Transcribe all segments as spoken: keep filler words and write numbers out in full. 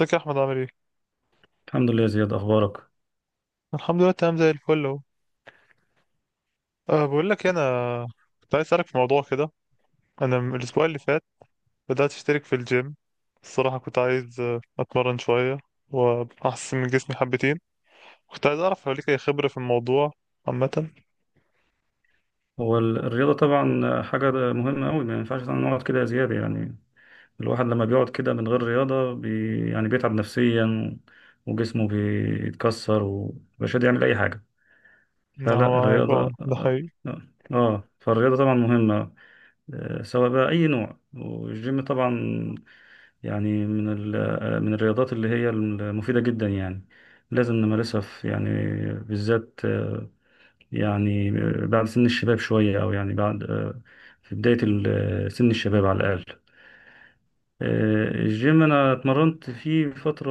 ازيك يا احمد؟ عامل ايه؟ الحمد لله يا زياد، اخبارك. الحمد لله، تمام زي الفل اهو. أه بقول لك إيه، انا كنت عايز اسالك في موضوع كده. انا من الاسبوع اللي فات بدات اشترك في الجيم. الصراحه كنت عايز آه، اتمرن شويه واحسن من جسمي حبتين. كنت عايز اعرف لو ليك اي خبره في الموضوع عامه. هو ال- الرياضه طبعا حاجه مهمه قوي، ما ينفعش نقعد كده يا زياد يعني. الواحد لما بيقعد كده من غير رياضه بي يعني بيتعب نفسيا وجسمه بيتكسر ومش قادر يعمل اي حاجه. ما فلا هو معاك، اه الرياضه، ده حقيقي. اه آه، فالرياضه طبعا مهمه. آه، سواء بقى اي نوع، والجيم طبعا يعني من ال- آه، من الرياضات اللي هي المفيده جدا يعني، لازم نمارسها في يعني بالذات، يعني بعد سن الشباب شوية، أو يعني بعد آه، في بداية ال- سن الشباب على الأقل. آه، الجيم أنا اتمرنت فيه فترة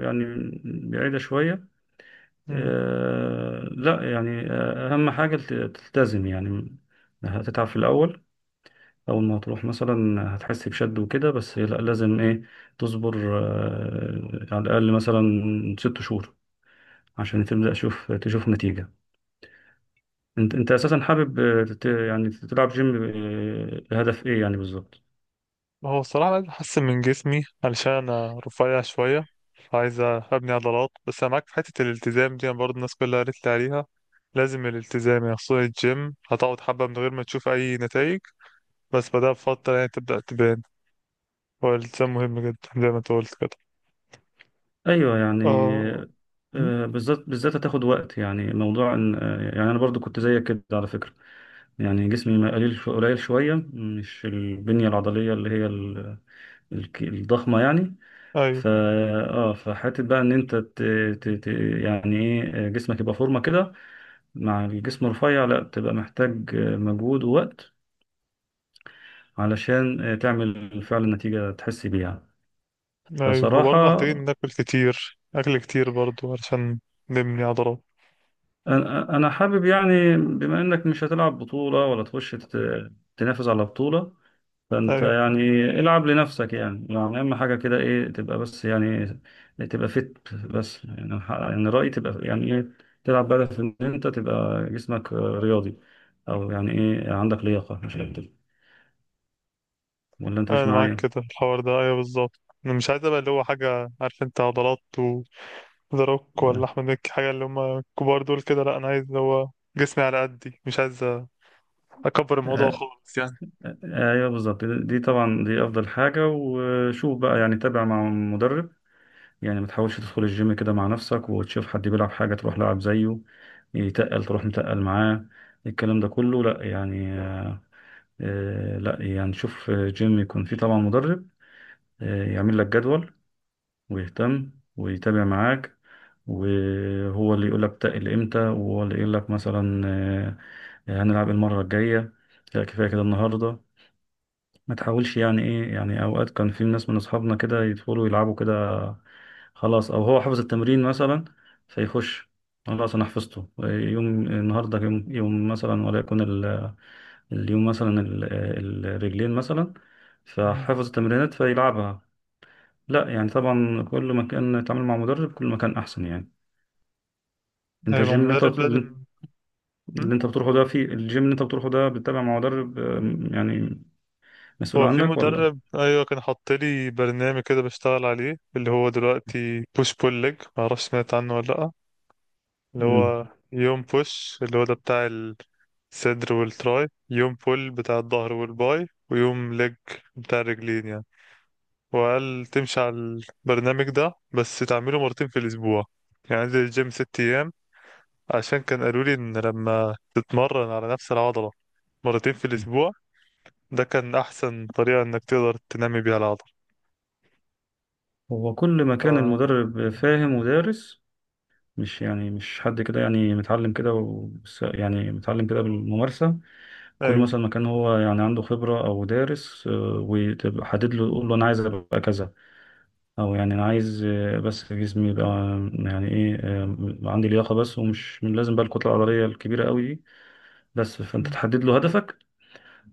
يعني بعيدة شوية. آه، لا يعني، آه، أهم حاجة تلت- تلتزم يعني. هتتعب في الأول، أول ما تروح مثلا هتحس بشد وكده، بس لا لازم إيه، تصبر آه، على الأقل مثلا ست شهور عشان تبدأ تشوف تشوف نتيجة. انت انت اساسا حابب آه، تت- يعني تلعب جيم، آه، لهدف ايه يعني بالظبط؟ ما هو الصراحة أنا عايز أحسن من جسمي علشان أنا رفيع شوية، عايز أبني عضلات. بس أنا معاك في حتة الالتزام دي، أنا برضه الناس كلها قالت لي عليها لازم الالتزام، يعني خصوصا الجيم هتقعد حبة من غير ما تشوف أي نتائج، بس بعدها بفترة يعني تبدأ تبان. هو الالتزام مهم جدا زي ما أنت قلت كده. ايوه يعني. آه. م? آه، بالذات بالذات هتاخد وقت، يعني موضوع ان آه، يعني انا برضو كنت زيك كده على فكره. يعني جسمي ما قليل شو- قليل شويه، مش البنيه العضليه اللي هي ال- الك- الضخمه يعني. أيوه. ف اه فحته بقى ان انت ت... ت... ت... يعني ايه، آه، جسمك يبقى فورمه كده مع الجسم الرفيع، لا تبقى محتاج آه، مجهود ووقت علشان آه، تعمل فعلا نتيجه تحس بيها. أيوه، هو برضه فصراحة محتاجين ناكل كتير، أكل كتير برضه علشان نبني عضلات. أنا أنا حابب يعني، بما إنك مش هتلعب بطولة ولا تخش تت- تنافس على بطولة، فأنت أيوه، يعني العب لنفسك يعني يعني أهم حاجة كده إيه، تبقى بس يعني تبقى فت بس، يعني أنا ح- يعني رأيي تبقى يعني إيه، تلعب بهدف إن أنت تبقى جسمك رياضي، أو يعني إيه عندك لياقة مش أكتر. ولا أنت مش أنا معاك معايا؟ كده، الحوار ده أيوه بالظبط. أنا مش عايز أبقى اللي هو حاجة عارف أنت عضلات، ذا روك ولا آه. احمد مكي حاجه، اللي هم الكبار دول كده. لا، انا عايز اللي هو جسمي على قدي، مش عايز اكبر الموضوع آه، خالص يعني. آه، أيوه بالظبط، دي دي طبعا دي أفضل حاجة. وشوف بقى يعني تابع مع مدرب، يعني ما تحاولش تدخل الجيم كده مع نفسك وتشوف حد بيلعب حاجة تروح لعب زيه، يتقل تروح متقل معاه، الكلام ده كله لا يعني. آه، آه، لا يعني شوف، آه، جيم يكون فيه طبعا مدرب آه، يعمل لك جدول ويهتم ويتابع معاك، وهو اللي يقول لك تقل امتى، وهو اللي يقول لك مثلا آه، آه، هنلعب المرة الجاية، لا كفاية كده النهاردة. ما تحاولش يعني ايه، يعني اوقات كان في ناس من اصحابنا كده يدخلوا يلعبوا كده، خلاص او هو حفظ التمرين مثلا، فيخش خلاص انا حفظته، يوم النهارده يوم يوم مثلا، وليكن ال- اليوم مثلا ال- الرجلين مثلا، امم. فحفظ التمرينات فيلعبها. لا يعني طبعا كل ما كان يتعامل مع مدرب كل ما كان احسن يعني. انت ايوه ما هو الجيم اللي انت مدرب لازم. مم. اللي انت بتروحه ده، في الجيم اللي انت بتروحه ده، بتتابع مع مدرب آه، يعني مسؤول هو في عنك ولا؟ مدرب، ايوه، كان حاط لي برنامج كده بشتغل عليه، اللي هو دلوقتي بوش بول ليج، ما اعرفش سمعت عنه ولا لا. اللي مم. هو يوم بوش اللي هو ده بتاع الصدر والتراي، يوم بول بتاع الظهر والباي، ويوم ليج بتاع الرجلين يعني. وقال تمشي على البرنامج ده، بس تعمله مرتين في الأسبوع، يعني أنزل الجيم ست أيام، عشان كان قالوا لي إن لما تتمرن على نفس العضلة مرتين في الأسبوع ده كان أحسن طريقة إنك تقدر تنمي بيها العضلة. هو كل ما ف... كان المدرب فاهم ودارس، مش يعني مش حد كده يعني متعلم كده و... يعني متعلم كده بالممارسة، كل أيوه. مثلا ما كان هو يعني عنده خبرة أو دارس آه، وتبقى حدد له، يقول له أنا عايز أبقى كذا، أو يعني أنا عايز آه، بس جسمي يبقى آه، يعني إيه آه، عندي لياقة بس، ومش مش لازم بقى الكتلة العضلية الكبيرة قوي دي، بس. فأنت تحدد له هدفك،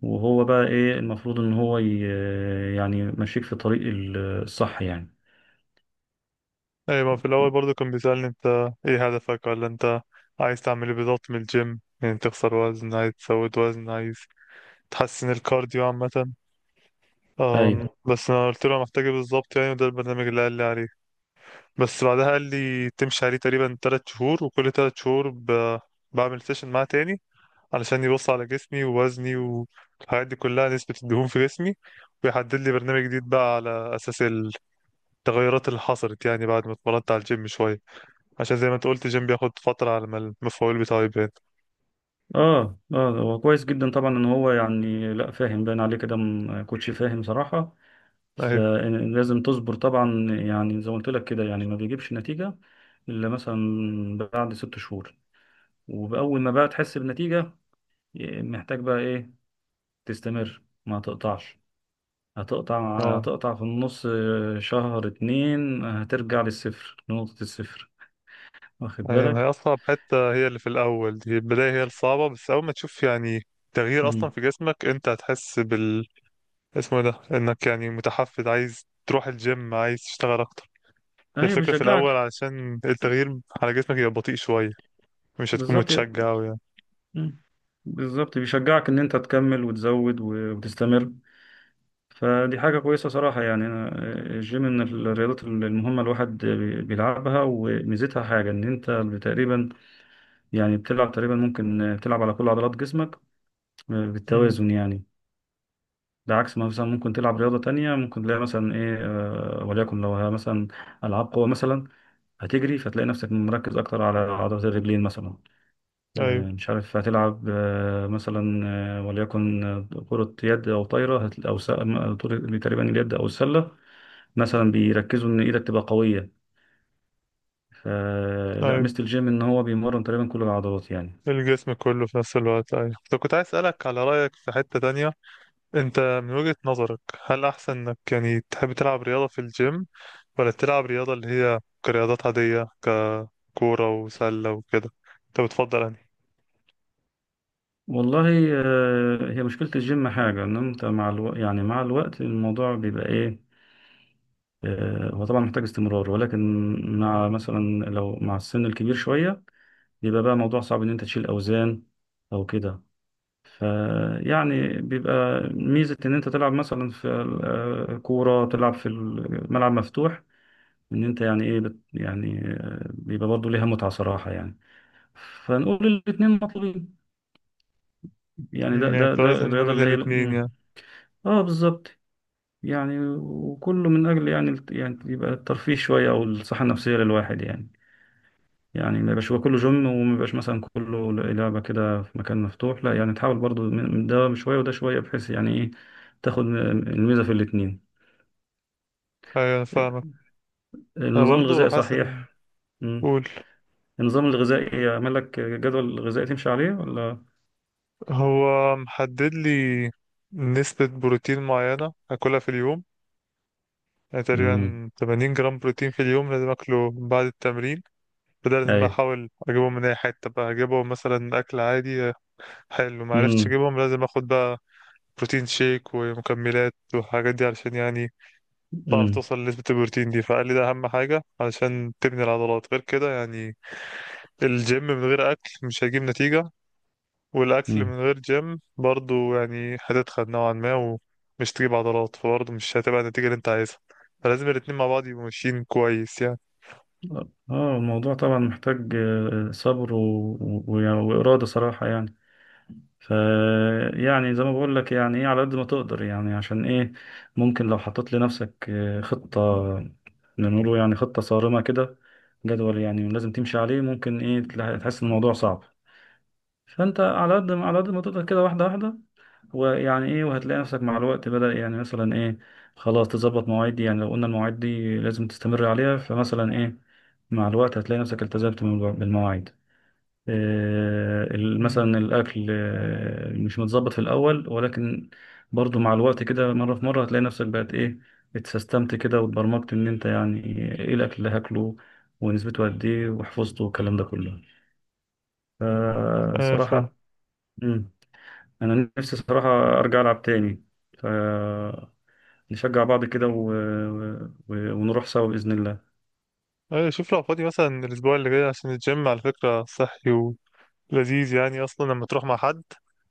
وهو بقى إيه المفروض إن هو ي... آه، يعني ماشيك في الطريق الصح يعني. أيوه، ما في الأول برضه كان بيسألني، أنت إيه هدفك، ولا أنت عايز تعمل إيه بالظبط من الجيم، يعني تخسر وزن، عايز تزود وزن، عايز تحسن الكارديو عامة. أيوه. أم، بس أنا قلت له أنا محتاج إيه بالظبط يعني، وده البرنامج اللي قال لي عليه. بس بعدها قال لي تمشي عليه تقريبا تلات شهور، وكل تلات شهور ب... بعمل سيشن معاه تاني، علشان يبص على جسمي ووزني والحاجات دي كلها، نسبة الدهون في جسمي، ويحدد لي برنامج جديد بقى على أساس التغيرات اللي حصلت، يعني بعد ما اتمرنت على الجيم شوية، عشان زي ما انت قلت الجيم بياخد فترة على ما المفعول بتاعه يبان. اه اه هو كويس جدا طبعا ان هو يعني، لا فاهم باين عليه كده، م- كوتش فاهم صراحة. أيوه. فلازم تصبر طبعا، يعني زي ما قلت لك كده يعني، ما بيجيبش نتيجة الا مثلا بعد ست شهور. وبأول ما بقى تحس بنتيجة، محتاج بقى ايه، تستمر ما تقطعش، هتقطع اه هتقطع في النص شهر اتنين هترجع للصفر، لنقطة الصفر. واخد أيوه، ما هي بالك؟ أصعب حتة هي اللي في الأول دي، البداية هي الصعبة، بس أول ما تشوف يعني تغيير أصلا مم. في جسمك أنت هتحس اسمه إيه ده، انك يعني متحفز عايز تروح الجيم، عايز تشتغل اكتر. ايوه الفكرة في الاول، بيشجعك. علشان التغيير على جسمك يبقى بطيء شوية، مش هتكون بالظبط. متشجع أوي يعني. مم. بالظبط بيشجعك ان انت تكمل وتزود و- وتستمر، فدي حاجة كويسة صراحة يعني. أنا آه، الجيم من الرياضات المهمة الواحد بي- بيلعبها، وميزتها حاجة إن أنت تقريبا يعني بتلعب تقريبا ممكن بتلعب على كل عضلات جسمك آه، امم. بالتوازن يعني. ده عكس ما مثلا ممكن تلعب رياضة تانية، ممكن تلاقي مثلا إيه، آه، وليكن لو ها مثلا ألعاب قوة مثلا، هتجري فتلاقي نفسك مركز أكتر على عضلات الرجلين مثلا. آه، ايوه. مش عارف، هتلعب آه، مثلا آه، وليكن آه، كرة يد أو طايرة، هت- أو س- م- طول- تقريبا اليد أو السلة مثلا، بيركزوا إن إيدك تبقى قوية. فلا ايوه ميزة الجيم إن هو بيمرن تقريبا كل العضلات يعني. الجسم كله في نفس الوقت، ايوه. طب كنت عايز اسألك على رأيك في حتة تانية، انت من وجهة نظرك هل احسن انك يعني تحب تلعب رياضة في الجيم، ولا تلعب رياضة اللي هي كرياضات عادية، ككورة وسلة وكده، انت بتفضل انهي؟ والله، آه، هي مشكلة الجيم حاجة إن أنت مع الوقت، يعني مع الوقت الموضوع بيبقى إيه، آه، هو طبعا محتاج استمرار، ولكن مع امم. مثلا لو مع السن الكبير شوية، بيبقى بقى موضوع صعب إن أنت تشيل أوزان أو كده، فيعني بيبقى ميزة إن أنت تلعب مثلا في آه، كورة، تلعب في الملعب مفتوح، إن أنت يعني إيه بت يعني آه، بيبقى برضه ليها متعة صراحة يعني. فنقول الاتنين مطلوبين يعني، ده يعني ده ده توازن ما الرياضة بين اللي هي الاتنين يعني. مم. آه بالظبط. يعني وكله من أجل يعني الت- يعني يبقى الترفيه شوية أو الصحة النفسية للواحد يعني. يعني ما يبقاش يبقى كله جيم، وما يبقاش مثلا كله لعبة كده في مكان مفتوح، لا يعني تحاول برضو من من ده شوية وده شوية، بحيث يعني ايه تاخد الميزة في الاتنين. ايوه انا فاهمك. انا النظام برضو الغذائي حاسس ان. صحيح؟ مم. قول. النظام الغذائي يعمل لك جدول غذائي تمشي عليه ولا؟ هو محدد لي نسبة بروتين معينة اكلها في اليوم، يعني امم تقريبا 80 جرام بروتين في اليوم لازم اكله بعد التمرين. فده لازم بقى ايوه. احاول اجيبهم من اي حتة، بقى اجيبهم مثلا اكل عادي حلو، ما عرفتش امم اجيبهم لازم اخد بقى بروتين شيك ومكملات والحاجات دي، علشان يعني تعرف امم توصل لنسبة البروتين دي. فقال لي ده اهم حاجة علشان تبني العضلات، غير كده يعني الجيم من غير اكل مش هيجيب نتيجة، والاكل امم من غير جيم برضو يعني هتتخن نوعا ما ومش تجيب عضلات، فبرضو مش هتبقى النتيجة اللي انت عايزها، فلازم الاتنين مع بعض يبقوا ماشيين كويس يعني. اه. الموضوع طبعا محتاج آه، صبر و... و... وإرادة صراحة يعني. ف يعني زي ما بقول لك يعني ايه، على قد ما تقدر يعني. عشان ايه، ممكن لو حطيت لنفسك آه، خطة، نقوله يعني خطة صارمة كده، جدول يعني لازم تمشي عليه، ممكن ايه تلا- تحس ان الموضوع صعب. فانت على قد ما على قد ما تقدر كده، واحدة واحدة، ويعني ايه، وهتلاقي نفسك مع الوقت بدأ يعني مثلا ايه خلاص تظبط مواعيد دي، يعني لو قلنا المواعيد دي لازم تستمر عليها، فمثلا ايه مع الوقت هتلاقي نفسك التزمت بالمواعيد. آه، ال- مم. مثلا الأكل آه، مش متظبط في الأول، ولكن برضو مع الوقت كده مرة في مرة هتلاقي نفسك بقت إيه، اتسيستمت كده واتبرمجت إن أنت يعني إيه الأكل اللي هاكله ونسبته قد إيه، وحفظته، والكلام ده كله، اه فاهم. فصراحة. مم، أنا نفسي صراحة أرجع ألعب تاني، فنشجع بعض كده و... و... ونروح سوا بإذن الله. اه شوف لو فاضي مثلا الاسبوع اللي جاي، عشان الجيم على فكرة صحي ولذيذ يعني اصلا لما تروح مع حد،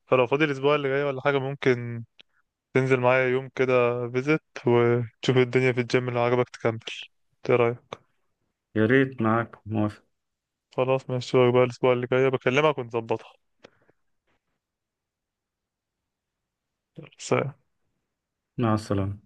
فلو فاضي الاسبوع اللي جاي ولا حاجة، ممكن تنزل معايا يوم كده فيزت وتشوف الدنيا في الجيم، لو عجبك تكمل. ايه رأيك؟ يا ريت، معاك موافق. خلاص ماشي بقى، الاسبوع اللي جاي بكلمك ونظبطها. سلام. مع السلامة.